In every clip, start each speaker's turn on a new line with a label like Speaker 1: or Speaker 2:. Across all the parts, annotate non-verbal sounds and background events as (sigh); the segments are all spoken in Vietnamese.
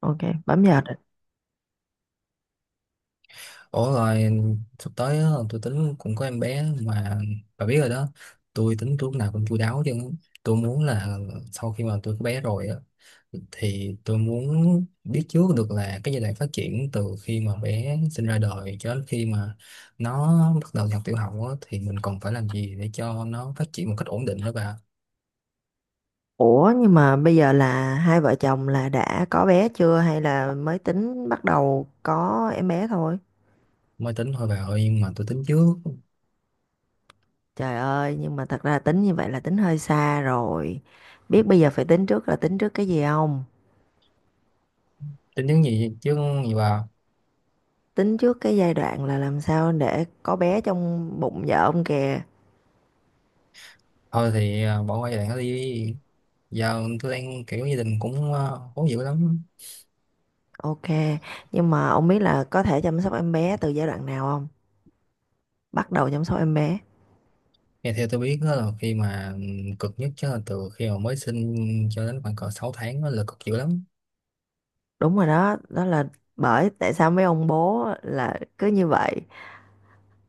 Speaker 1: Ok, bấm giờ định.
Speaker 2: Ủa rồi sắp tới á, tôi tính cũng có em bé mà, bà biết rồi đó. Tôi tính lúc nào cũng chu đáo chứ. Tôi muốn là sau khi mà tôi có bé rồi á, thì tôi muốn biết trước được là cái giai đoạn phát triển từ khi mà bé sinh ra đời cho đến khi mà nó bắt đầu học tiểu học á, thì mình còn phải làm gì để cho nó phát triển một cách ổn định đó bà.
Speaker 1: Ủa nhưng mà bây giờ là hai vợ chồng là đã có bé chưa hay là mới tính bắt đầu có em bé thôi?
Speaker 2: Mới tính thôi bà ơi, nhưng mà tôi tính trước.
Speaker 1: Trời ơi, nhưng mà thật ra tính như vậy là tính hơi xa rồi. Biết bây giờ phải tính trước là tính trước cái gì không?
Speaker 2: Tính những gì chứ, gì bà?
Speaker 1: Tính trước cái giai đoạn là làm sao để có bé trong bụng vợ ông kìa.
Speaker 2: Thôi thì bỏ qua giai đoạn đó đi. Giờ tôi đang kiểu gia đình cũng khó dữ lắm.
Speaker 1: Ok, nhưng mà ông biết là có thể chăm sóc em bé từ giai đoạn nào không? Bắt đầu chăm sóc em bé.
Speaker 2: Nghe theo tôi biết đó là khi mà cực nhất chứ là từ khi mà mới sinh cho đến khoảng cỡ 6 tháng, đó là cực dữ lắm.
Speaker 1: Đúng rồi đó, đó là bởi tại sao mấy ông bố là cứ như vậy.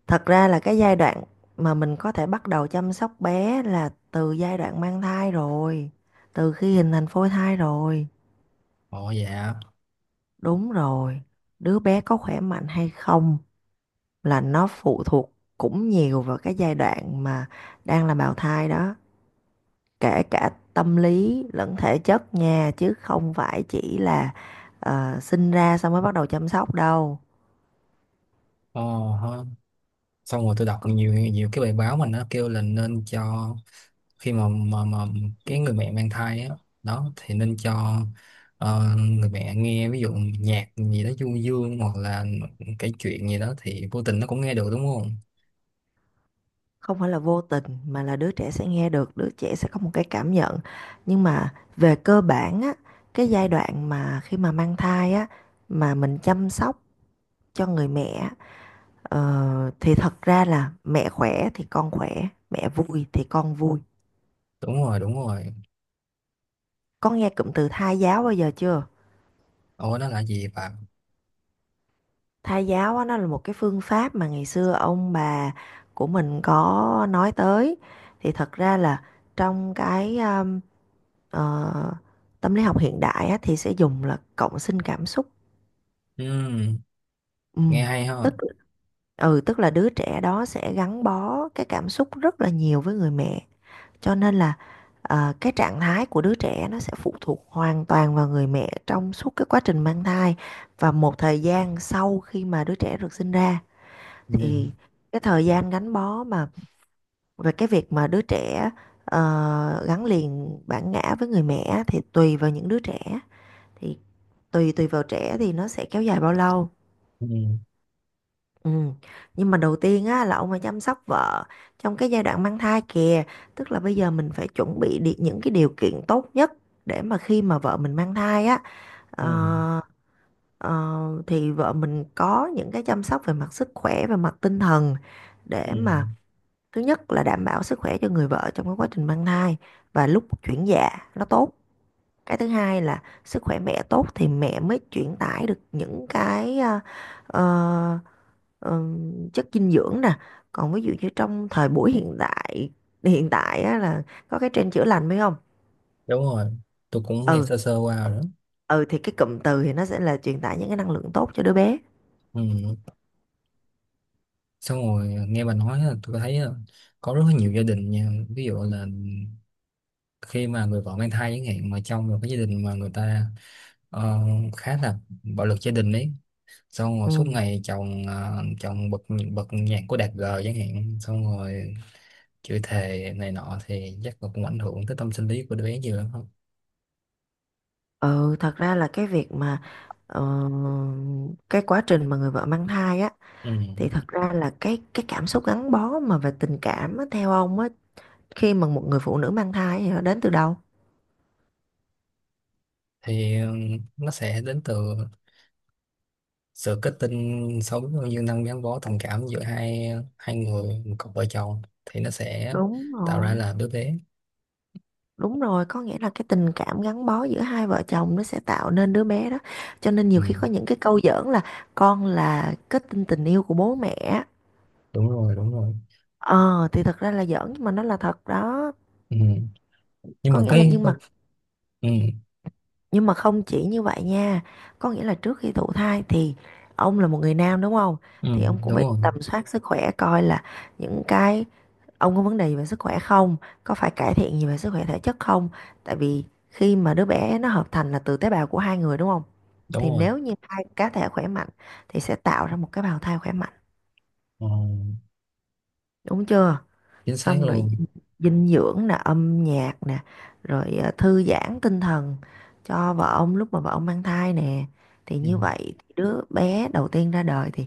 Speaker 1: Thật ra là cái giai đoạn mà mình có thể bắt đầu chăm sóc bé là từ giai đoạn mang thai rồi, từ khi hình thành phôi thai rồi.
Speaker 2: Ồ dạ.
Speaker 1: Đúng rồi, đứa bé có khỏe mạnh hay không là nó phụ thuộc cũng nhiều vào cái giai đoạn mà đang là bào thai đó, kể cả tâm lý lẫn thể chất nha, chứ không phải chỉ là sinh ra xong mới bắt đầu chăm sóc đâu.
Speaker 2: Ồ ha. Xong rồi tôi đọc nhiều nhiều cái bài báo mà nó kêu là nên cho khi mà cái người mẹ mang thai á, đó thì nên cho người mẹ nghe ví dụ nhạc gì đó du dương, hoặc là kể chuyện gì đó, thì vô tình nó cũng nghe được đúng không?
Speaker 1: Không phải là vô tình mà là đứa trẻ sẽ nghe được, đứa trẻ sẽ có một cái cảm nhận. Nhưng mà về cơ bản á, cái giai đoạn mà khi mà mang thai á, mà mình chăm sóc cho người mẹ, thì thật ra là mẹ khỏe thì con khỏe, mẹ vui thì con vui.
Speaker 2: Đúng rồi, đúng rồi.
Speaker 1: Có nghe cụm từ thai giáo bao giờ chưa?
Speaker 2: Ồ, nó là gì bạn?
Speaker 1: Thai giáo á, nó là một cái phương pháp mà ngày xưa ông bà của mình có nói tới. Thì thật ra là trong cái ờ, tâm lý học hiện đại á, thì sẽ dùng là cộng sinh cảm xúc.
Speaker 2: Ừ.
Speaker 1: Ừ.
Speaker 2: Nghe hay ha.
Speaker 1: tức tức là đứa trẻ đó sẽ gắn bó cái cảm xúc rất là nhiều với người mẹ, cho nên là cái trạng thái của đứa trẻ nó sẽ phụ thuộc hoàn toàn vào người mẹ trong suốt cái quá trình mang thai và một thời gian sau khi mà đứa trẻ được sinh ra.
Speaker 2: Ừ,
Speaker 1: Thì cái thời gian gắn bó mà về cái việc mà đứa trẻ gắn liền bản ngã với người mẹ á, thì tùy vào những đứa trẻ, thì tùy tùy vào trẻ thì nó sẽ kéo dài bao lâu.
Speaker 2: ừ,
Speaker 1: Ừ. Nhưng mà đầu tiên á là ông phải chăm sóc vợ trong cái giai đoạn mang thai kìa, tức là bây giờ mình phải chuẩn bị những cái điều kiện tốt nhất để mà khi mà vợ mình mang thai á,
Speaker 2: ừ,
Speaker 1: ờ, ờ, thì vợ mình có những cái chăm sóc về mặt sức khỏe về mặt tinh thần
Speaker 2: ừ.
Speaker 1: để mà thứ nhất là đảm bảo sức khỏe cho người vợ trong cái quá trình mang thai và lúc chuyển dạ nó tốt. Cái thứ hai là sức khỏe mẹ tốt thì mẹ mới chuyển tải được những cái ờ, chất dinh dưỡng nè. Còn ví dụ như trong thời buổi hiện đại, hiện tại á, là có cái trend chữa lành phải không?
Speaker 2: Đúng rồi, tôi cũng nghe
Speaker 1: Ừ.
Speaker 2: sơ sơ qua rồi đó.
Speaker 1: Ừ thì cái cụm từ thì nó sẽ là truyền tải những cái năng lượng tốt cho đứa bé.
Speaker 2: Ừ. Xong rồi nghe bà nói là tôi thấy á, có rất là nhiều gia đình nha, ví dụ là khi mà người vợ mang thai chẳng hạn, mà trong một cái gia đình mà người ta ờ, khá là bạo lực gia đình ấy, xong rồi suốt
Speaker 1: Ừ.
Speaker 2: ngày chồng, chồng bật bật nhạc của Đạt G chẳng hạn, xong rồi chửi thề này nọ, thì chắc là cũng ảnh hưởng tới tâm sinh lý của đứa bé nhiều lắm không?
Speaker 1: Ừ, thật ra là cái việc mà ờ, cái quá trình mà người vợ mang thai á,
Speaker 2: Ừ.
Speaker 1: thì thật ra là cái cảm xúc gắn bó mà về tình cảm á, theo ông á, khi mà một người phụ nữ mang thai thì nó đến từ đâu?
Speaker 2: Thì nó sẽ đến từ sự kết tinh sâu như năng gắn bó tình cảm giữa hai hai người, một cặp vợ chồng thì nó sẽ
Speaker 1: Đúng
Speaker 2: tạo ra
Speaker 1: rồi,
Speaker 2: là đứa bé.
Speaker 1: đúng rồi, có nghĩa là cái tình cảm gắn bó giữa hai vợ chồng nó sẽ tạo nên đứa bé đó. Cho nên nhiều
Speaker 2: Ừ,
Speaker 1: khi có những cái câu giỡn là con là kết tinh tình yêu của bố mẹ.
Speaker 2: đúng rồi, đúng rồi.
Speaker 1: Ờ thì thật ra là giỡn nhưng mà nó là thật đó.
Speaker 2: Ừ. Nhưng
Speaker 1: Có
Speaker 2: mà
Speaker 1: nghĩa là
Speaker 2: cái
Speaker 1: nhưng mà
Speaker 2: ừ,
Speaker 1: nhưng mà không chỉ như vậy nha. Có nghĩa là trước khi thụ thai thì ông là một người nam đúng không?
Speaker 2: ừ,
Speaker 1: Thì ông cũng
Speaker 2: đúng
Speaker 1: phải
Speaker 2: rồi
Speaker 1: tầm soát sức khỏe coi là những cái ông có vấn đề gì về sức khỏe không, có phải cải thiện gì về sức khỏe thể chất không, tại vì khi mà đứa bé nó hợp thành là từ tế bào của hai người đúng không?
Speaker 2: đúng
Speaker 1: Thì
Speaker 2: rồi.
Speaker 1: nếu như hai cá thể khỏe mạnh thì sẽ tạo ra một cái bào thai khỏe mạnh,
Speaker 2: Ờ,
Speaker 1: đúng chưa?
Speaker 2: chính xác
Speaker 1: Xong rồi
Speaker 2: luôn.
Speaker 1: dinh dưỡng nè, âm nhạc nè, rồi thư giãn tinh thần cho vợ ông lúc mà vợ ông mang thai nè, thì
Speaker 2: Ừ.
Speaker 1: như vậy thì đứa bé đầu tiên ra đời thì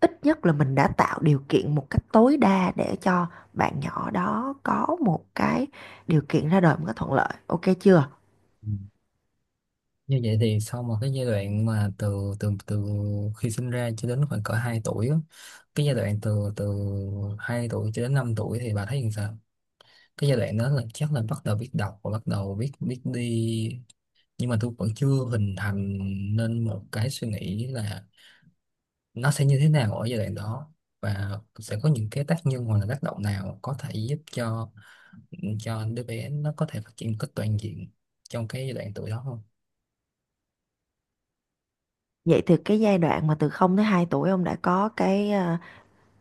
Speaker 1: ít nhất là mình đã tạo điều kiện một cách tối đa để cho bạn nhỏ đó có một cái điều kiện ra đời một cách thuận lợi, ok chưa?
Speaker 2: Ừ. Như vậy thì sau một cái giai đoạn mà từ từ từ khi sinh ra cho đến khoảng cỡ 2 tuổi á, cái giai đoạn từ từ 2 tuổi cho đến 5 tuổi thì bà thấy như sao? Cái giai đoạn đó là chắc là bắt đầu biết đọc và bắt đầu biết biết đi, nhưng mà tôi vẫn chưa hình thành nên một cái suy nghĩ là nó sẽ như thế nào ở giai đoạn đó, và sẽ có những cái tác nhân hoặc là tác động nào có thể giúp cho đứa bé nó có thể phát triển một cách toàn diện trong cái giai đoạn tuổi đó không.
Speaker 1: Vậy thì cái giai đoạn mà từ 0 tới 2 tuổi ông đã có cái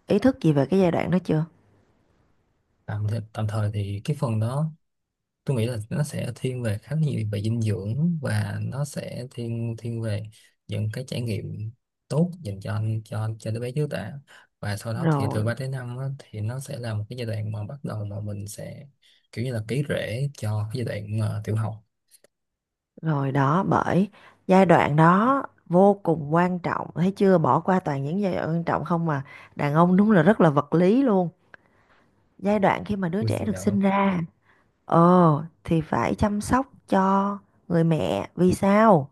Speaker 1: ý thức gì về cái giai đoạn đó chưa?
Speaker 2: Tạm thời, tạm thời thì cái phần đó tôi nghĩ là nó sẽ thiên về khá nhiều về dinh dưỡng, và nó sẽ thiên thiên về những cái trải nghiệm tốt dành cho anh cho đứa bé trước đã. Và sau đó thì từ
Speaker 1: Rồi.
Speaker 2: 3 đến 5 á, thì nó sẽ là một cái giai đoạn mà bắt đầu mà mình sẽ kiểu như là ký rễ cho cái giai đoạn tiểu học.
Speaker 1: Rồi đó, bởi giai đoạn đó vô cùng quan trọng, thấy chưa? Bỏ qua toàn những giai đoạn quan trọng không mà đàn ông đúng là rất là vật lý luôn. Giai đoạn khi mà đứa
Speaker 2: Của
Speaker 1: trẻ
Speaker 2: phụ
Speaker 1: được
Speaker 2: nữ.
Speaker 1: sinh ra, thì phải chăm sóc cho người mẹ. Vì sao?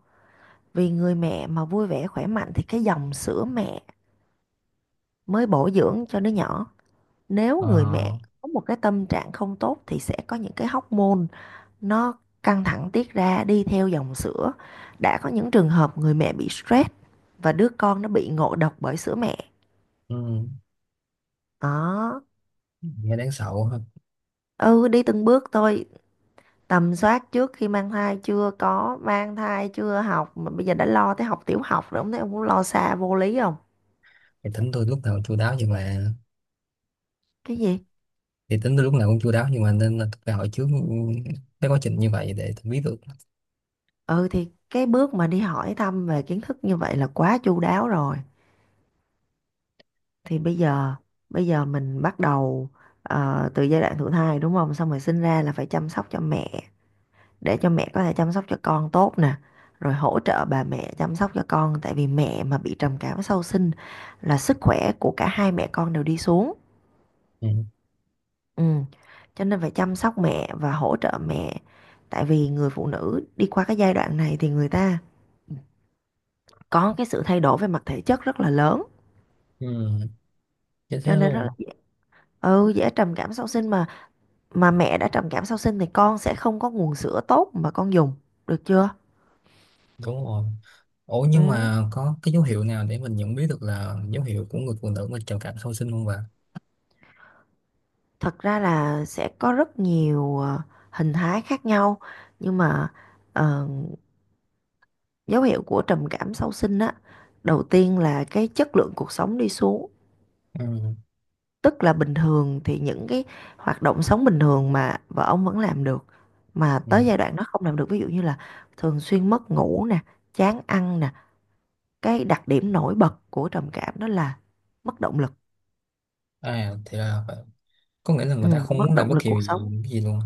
Speaker 1: Vì người mẹ mà vui vẻ khỏe mạnh thì cái dòng sữa mẹ mới bổ dưỡng cho đứa nhỏ. Nếu người mẹ
Speaker 2: Ờ,
Speaker 1: có một cái tâm trạng không tốt thì sẽ có những cái hormone nó căng thẳng tiết ra đi theo dòng sữa. Đã có những trường hợp người mẹ bị stress và đứa con nó bị ngộ độc bởi sữa mẹ.
Speaker 2: ừ,
Speaker 1: Đó.
Speaker 2: nghe đáng sợ quá ha.
Speaker 1: Ừ, đi từng bước thôi. Tầm soát trước khi mang thai chưa có, mang thai chưa học mà bây giờ đã lo tới học tiểu học rồi, không thấy ông cũng lo xa vô lý không?
Speaker 2: Thì tính tôi lúc nào cũng chu đáo nhưng mà
Speaker 1: Cái gì?
Speaker 2: thì tính tôi lúc nào cũng chu đáo nhưng mà nên là tôi phải hỏi trước ừ, cái quá trình như vậy để tôi biết được.
Speaker 1: Ừ thì cái bước mà đi hỏi thăm về kiến thức như vậy là quá chu đáo rồi. Thì bây giờ mình bắt đầu từ giai đoạn thụ thai đúng không? Xong rồi sinh ra là phải chăm sóc cho mẹ để cho mẹ có thể chăm sóc cho con tốt nè, rồi hỗ trợ bà mẹ chăm sóc cho con, tại vì mẹ mà bị trầm cảm sau sinh là sức khỏe của cả hai mẹ con đều đi xuống.
Speaker 2: Ừ.
Speaker 1: Ừ. Cho nên phải chăm sóc mẹ và hỗ trợ mẹ, tại vì người phụ nữ đi qua cái giai đoạn này thì người ta có cái sự thay đổi về mặt thể chất rất là lớn,
Speaker 2: Ừ. Chết thế
Speaker 1: cho nên rất là
Speaker 2: luôn.
Speaker 1: dễ, dễ trầm cảm sau sinh mà mẹ đã trầm cảm sau sinh thì con sẽ không có nguồn sữa tốt mà con dùng, được chưa?
Speaker 2: Đúng rồi. Ủa nhưng
Speaker 1: Ừ,
Speaker 2: mà có cái dấu hiệu nào để mình nhận biết được là dấu hiệu của người phụ nữ mà trầm cảm sau sinh không bà?
Speaker 1: thật ra là sẽ có rất nhiều hình thái khác nhau, nhưng mà ờ, dấu hiệu của trầm cảm sau sinh á, đầu tiên là cái chất lượng cuộc sống đi xuống,
Speaker 2: Ừ.
Speaker 1: tức là bình thường thì những cái hoạt động sống bình thường mà vợ ông vẫn làm được mà
Speaker 2: Ừ.
Speaker 1: tới giai đoạn nó không làm được, ví dụ như là thường xuyên mất ngủ nè, chán ăn nè. Cái đặc điểm nổi bật của trầm cảm đó là mất động lực.
Speaker 2: À thì là phải- có nghĩa là
Speaker 1: Ừ,
Speaker 2: người ta không muốn
Speaker 1: mất
Speaker 2: làm
Speaker 1: động
Speaker 2: bất
Speaker 1: lực
Speaker 2: kỳ
Speaker 1: cuộc
Speaker 2: gì,
Speaker 1: sống.
Speaker 2: cái gì luôn.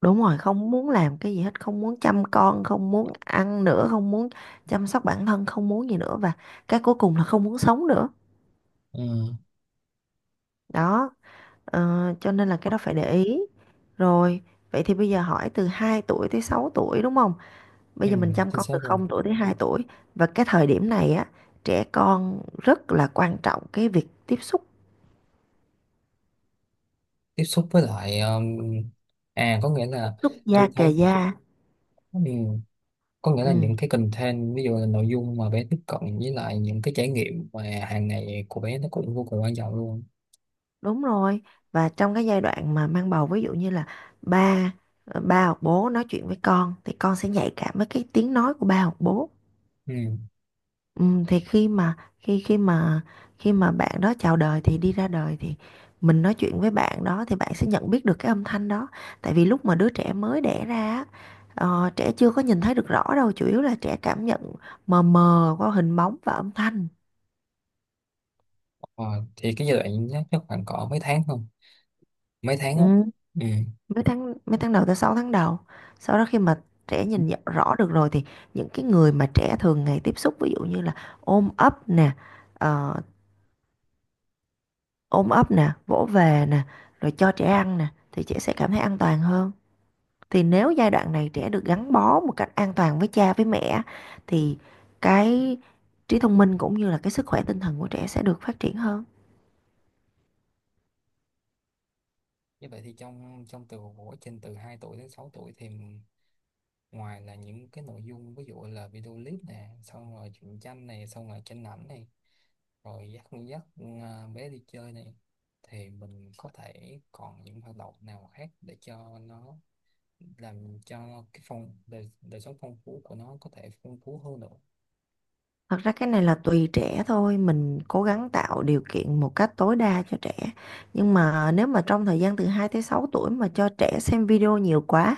Speaker 1: Đúng rồi, không muốn làm cái gì hết, không muốn chăm con, không muốn ăn nữa, không muốn chăm sóc bản thân, không muốn gì nữa và cái cuối cùng là không muốn sống nữa.
Speaker 2: Ừ.
Speaker 1: Đó, cho nên là cái đó phải để ý. Rồi, vậy thì bây giờ hỏi từ 2 tuổi tới 6 tuổi đúng không? Bây
Speaker 2: Ừ.
Speaker 1: giờ mình chăm
Speaker 2: Chính
Speaker 1: con
Speaker 2: xác
Speaker 1: từ
Speaker 2: luôn.
Speaker 1: 0 tuổi tới 2 tuổi và cái thời điểm này á, trẻ con rất là quan trọng cái việc
Speaker 2: Tiếp xúc với lại à, có nghĩa
Speaker 1: tiếp
Speaker 2: là
Speaker 1: xúc da
Speaker 2: tôi thấy.
Speaker 1: kề da.
Speaker 2: Ừ. Có nghĩa là
Speaker 1: Ừ.
Speaker 2: những cái content, ví dụ là nội dung mà bé tiếp cận với lại những cái trải nghiệm mà hàng ngày của bé, nó cũng vô cùng quan trọng luôn.
Speaker 1: Đúng rồi. Và trong cái giai đoạn mà mang bầu ví dụ như là ba ba hoặc bố nói chuyện với con thì con sẽ nhạy cảm với cái tiếng nói của ba hoặc bố.
Speaker 2: Ừ.
Speaker 1: Ừ, thì khi mà bạn đó chào đời thì đi ra đời thì mình nói chuyện với bạn đó thì bạn sẽ nhận biết được cái âm thanh đó. Tại vì lúc mà đứa trẻ mới đẻ ra á, trẻ chưa có nhìn thấy được rõ đâu, chủ yếu là trẻ cảm nhận mờ mờ qua hình bóng và âm thanh.
Speaker 2: Ờ, thì cái giai đoạn nhất chắc khoảng cỡ mấy tháng không, mấy tháng
Speaker 1: Ừ.
Speaker 2: á? Ừ.
Speaker 1: Mấy tháng đầu tới 6 tháng đầu. Sau đó khi mà trẻ nhìn nhận rõ được rồi thì những cái người mà trẻ thường ngày tiếp xúc ví dụ như là ôm ấp nè ờ, ôm ấp nè vỗ về nè, rồi cho trẻ ăn nè thì trẻ sẽ cảm thấy an toàn hơn. Thì nếu giai đoạn này trẻ được gắn bó một cách an toàn với cha với mẹ thì cái trí thông minh cũng như là cái sức khỏe tinh thần của trẻ sẽ được phát triển hơn.
Speaker 2: Như vậy thì trong trong từ của trình từ 2 tuổi đến 6 tuổi thì ngoài là những cái nội dung ví dụ là video clip nè, xong rồi truyện tranh này, xong rồi tranh ảnh này, rồi dắt dắt bé đi chơi này, thì mình có thể còn những hoạt động nào khác để cho nó làm cho cái phong đời, đời sống phong phú của nó có thể phong phú hơn nữa.
Speaker 1: Thật ra cái này là tùy trẻ thôi, mình cố gắng tạo điều kiện một cách tối đa cho trẻ. Nhưng mà nếu mà trong thời gian từ 2 tới 6 tuổi mà cho trẻ xem video nhiều quá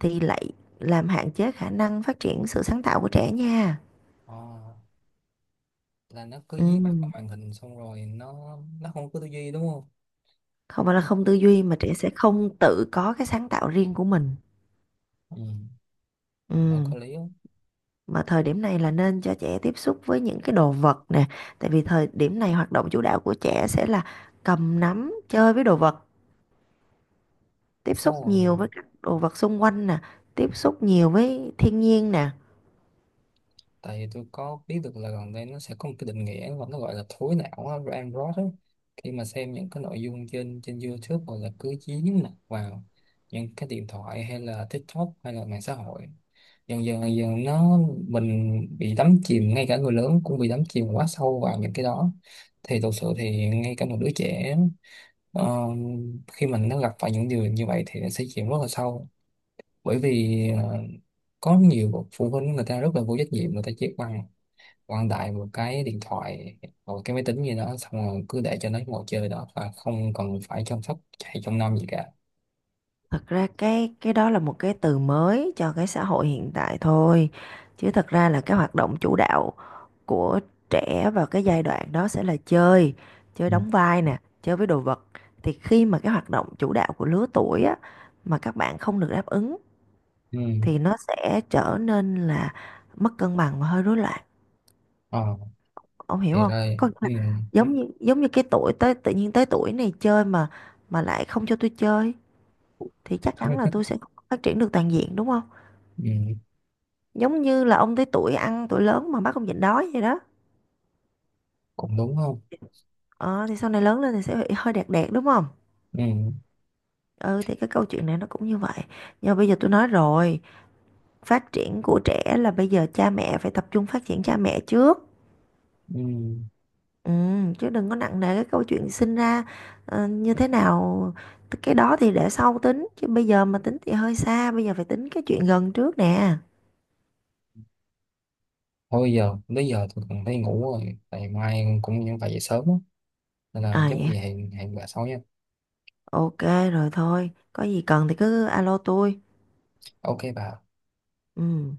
Speaker 1: thì lại làm hạn chế khả năng phát triển sự sáng tạo của trẻ nha.
Speaker 2: Ờ, là nó cứ
Speaker 1: Ừ.
Speaker 2: dí mắt vào màn hình xong rồi nó không có tư duy đúng không?
Speaker 1: Không phải là không tư duy mà trẻ sẽ không tự có cái sáng tạo riêng của mình.
Speaker 2: Ừ,
Speaker 1: Ừ.
Speaker 2: nó có lý không?
Speaker 1: Mà thời điểm này là nên cho trẻ tiếp xúc với những cái đồ vật nè, tại vì thời điểm này hoạt động chủ đạo của trẻ sẽ là cầm nắm, chơi với đồ vật. Tiếp
Speaker 2: Xong
Speaker 1: xúc
Speaker 2: rồi
Speaker 1: nhiều với các đồ vật xung quanh nè, tiếp xúc nhiều với thiên nhiên nè.
Speaker 2: tại vì tôi có biết được là gần đây nó sẽ có một cái định nghĩa mà nó gọi là thối não á, brain rot á. Khi mà xem những cái nội dung trên trên YouTube, hoặc là cứ dính mặt vào những cái điện thoại hay là TikTok hay là mạng xã hội, dần dần nó mình bị đắm chìm, ngay cả người lớn cũng bị đắm chìm quá sâu vào những cái đó, thì thực sự thì ngay cả một đứa trẻ ờ, khi mình nó gặp phải những điều như vậy thì nó sẽ chìm rất là sâu, bởi vì có nhiều phụ huynh người ta rất là vô trách nhiệm, người ta chỉ bằng quăng đại một cái điện thoại hoặc cái máy tính gì đó, xong rồi cứ để cho nó ngồi chơi đó và không cần phải chăm sóc hay trông nom gì cả.
Speaker 1: Thật ra cái đó là một cái từ mới cho cái xã hội hiện tại thôi, chứ thật ra là cái hoạt động chủ đạo của trẻ vào cái giai đoạn đó sẽ là chơi, chơi
Speaker 2: Ừ.
Speaker 1: đóng vai nè, chơi với đồ vật. Thì khi mà cái hoạt động chủ đạo của lứa tuổi á mà các bạn không được đáp ứng
Speaker 2: Ừ.
Speaker 1: thì nó sẽ trở nên là mất cân bằng và hơi rối loạn,
Speaker 2: Ờ,
Speaker 1: ông hiểu
Speaker 2: thì
Speaker 1: không?
Speaker 2: đây
Speaker 1: Có
Speaker 2: ừ.
Speaker 1: nghĩa là giống như cái tuổi tới tự nhiên tới tuổi này chơi mà lại không cho tôi chơi thì chắc chắn là tôi
Speaker 2: (laughs)
Speaker 1: sẽ không phát triển được toàn diện đúng không?
Speaker 2: Ừ.
Speaker 1: Giống như là ông tới tuổi ăn tuổi lớn mà bắt ông nhịn đói vậy đó,
Speaker 2: Cũng đúng không.
Speaker 1: ờ, thì sau này lớn lên thì sẽ bị hơi đẹt đẹt đúng không?
Speaker 2: Ừ.
Speaker 1: Ừ thì cái câu chuyện này nó cũng như vậy. Nhưng mà bây giờ tôi nói rồi, phát triển của trẻ là bây giờ cha mẹ phải tập trung phát triển cha mẹ trước.
Speaker 2: Ừ.
Speaker 1: Ừ, chứ đừng có nặng nề cái câu chuyện sinh ra như thế nào, cái đó thì để sau tính chứ bây giờ mà tính thì hơi xa, bây giờ phải tính cái chuyện gần trước nè.
Speaker 2: Thôi giờ tới giờ tôi cần phải ngủ rồi tại mai cũng phải dậy sớm á. Nên là
Speaker 1: À
Speaker 2: chắc
Speaker 1: dạ.
Speaker 2: về hẹn hẹn bà sau nha.
Speaker 1: Ok. Rồi thôi, có gì cần thì cứ alo tôi.
Speaker 2: Ok bà.
Speaker 1: Ừ.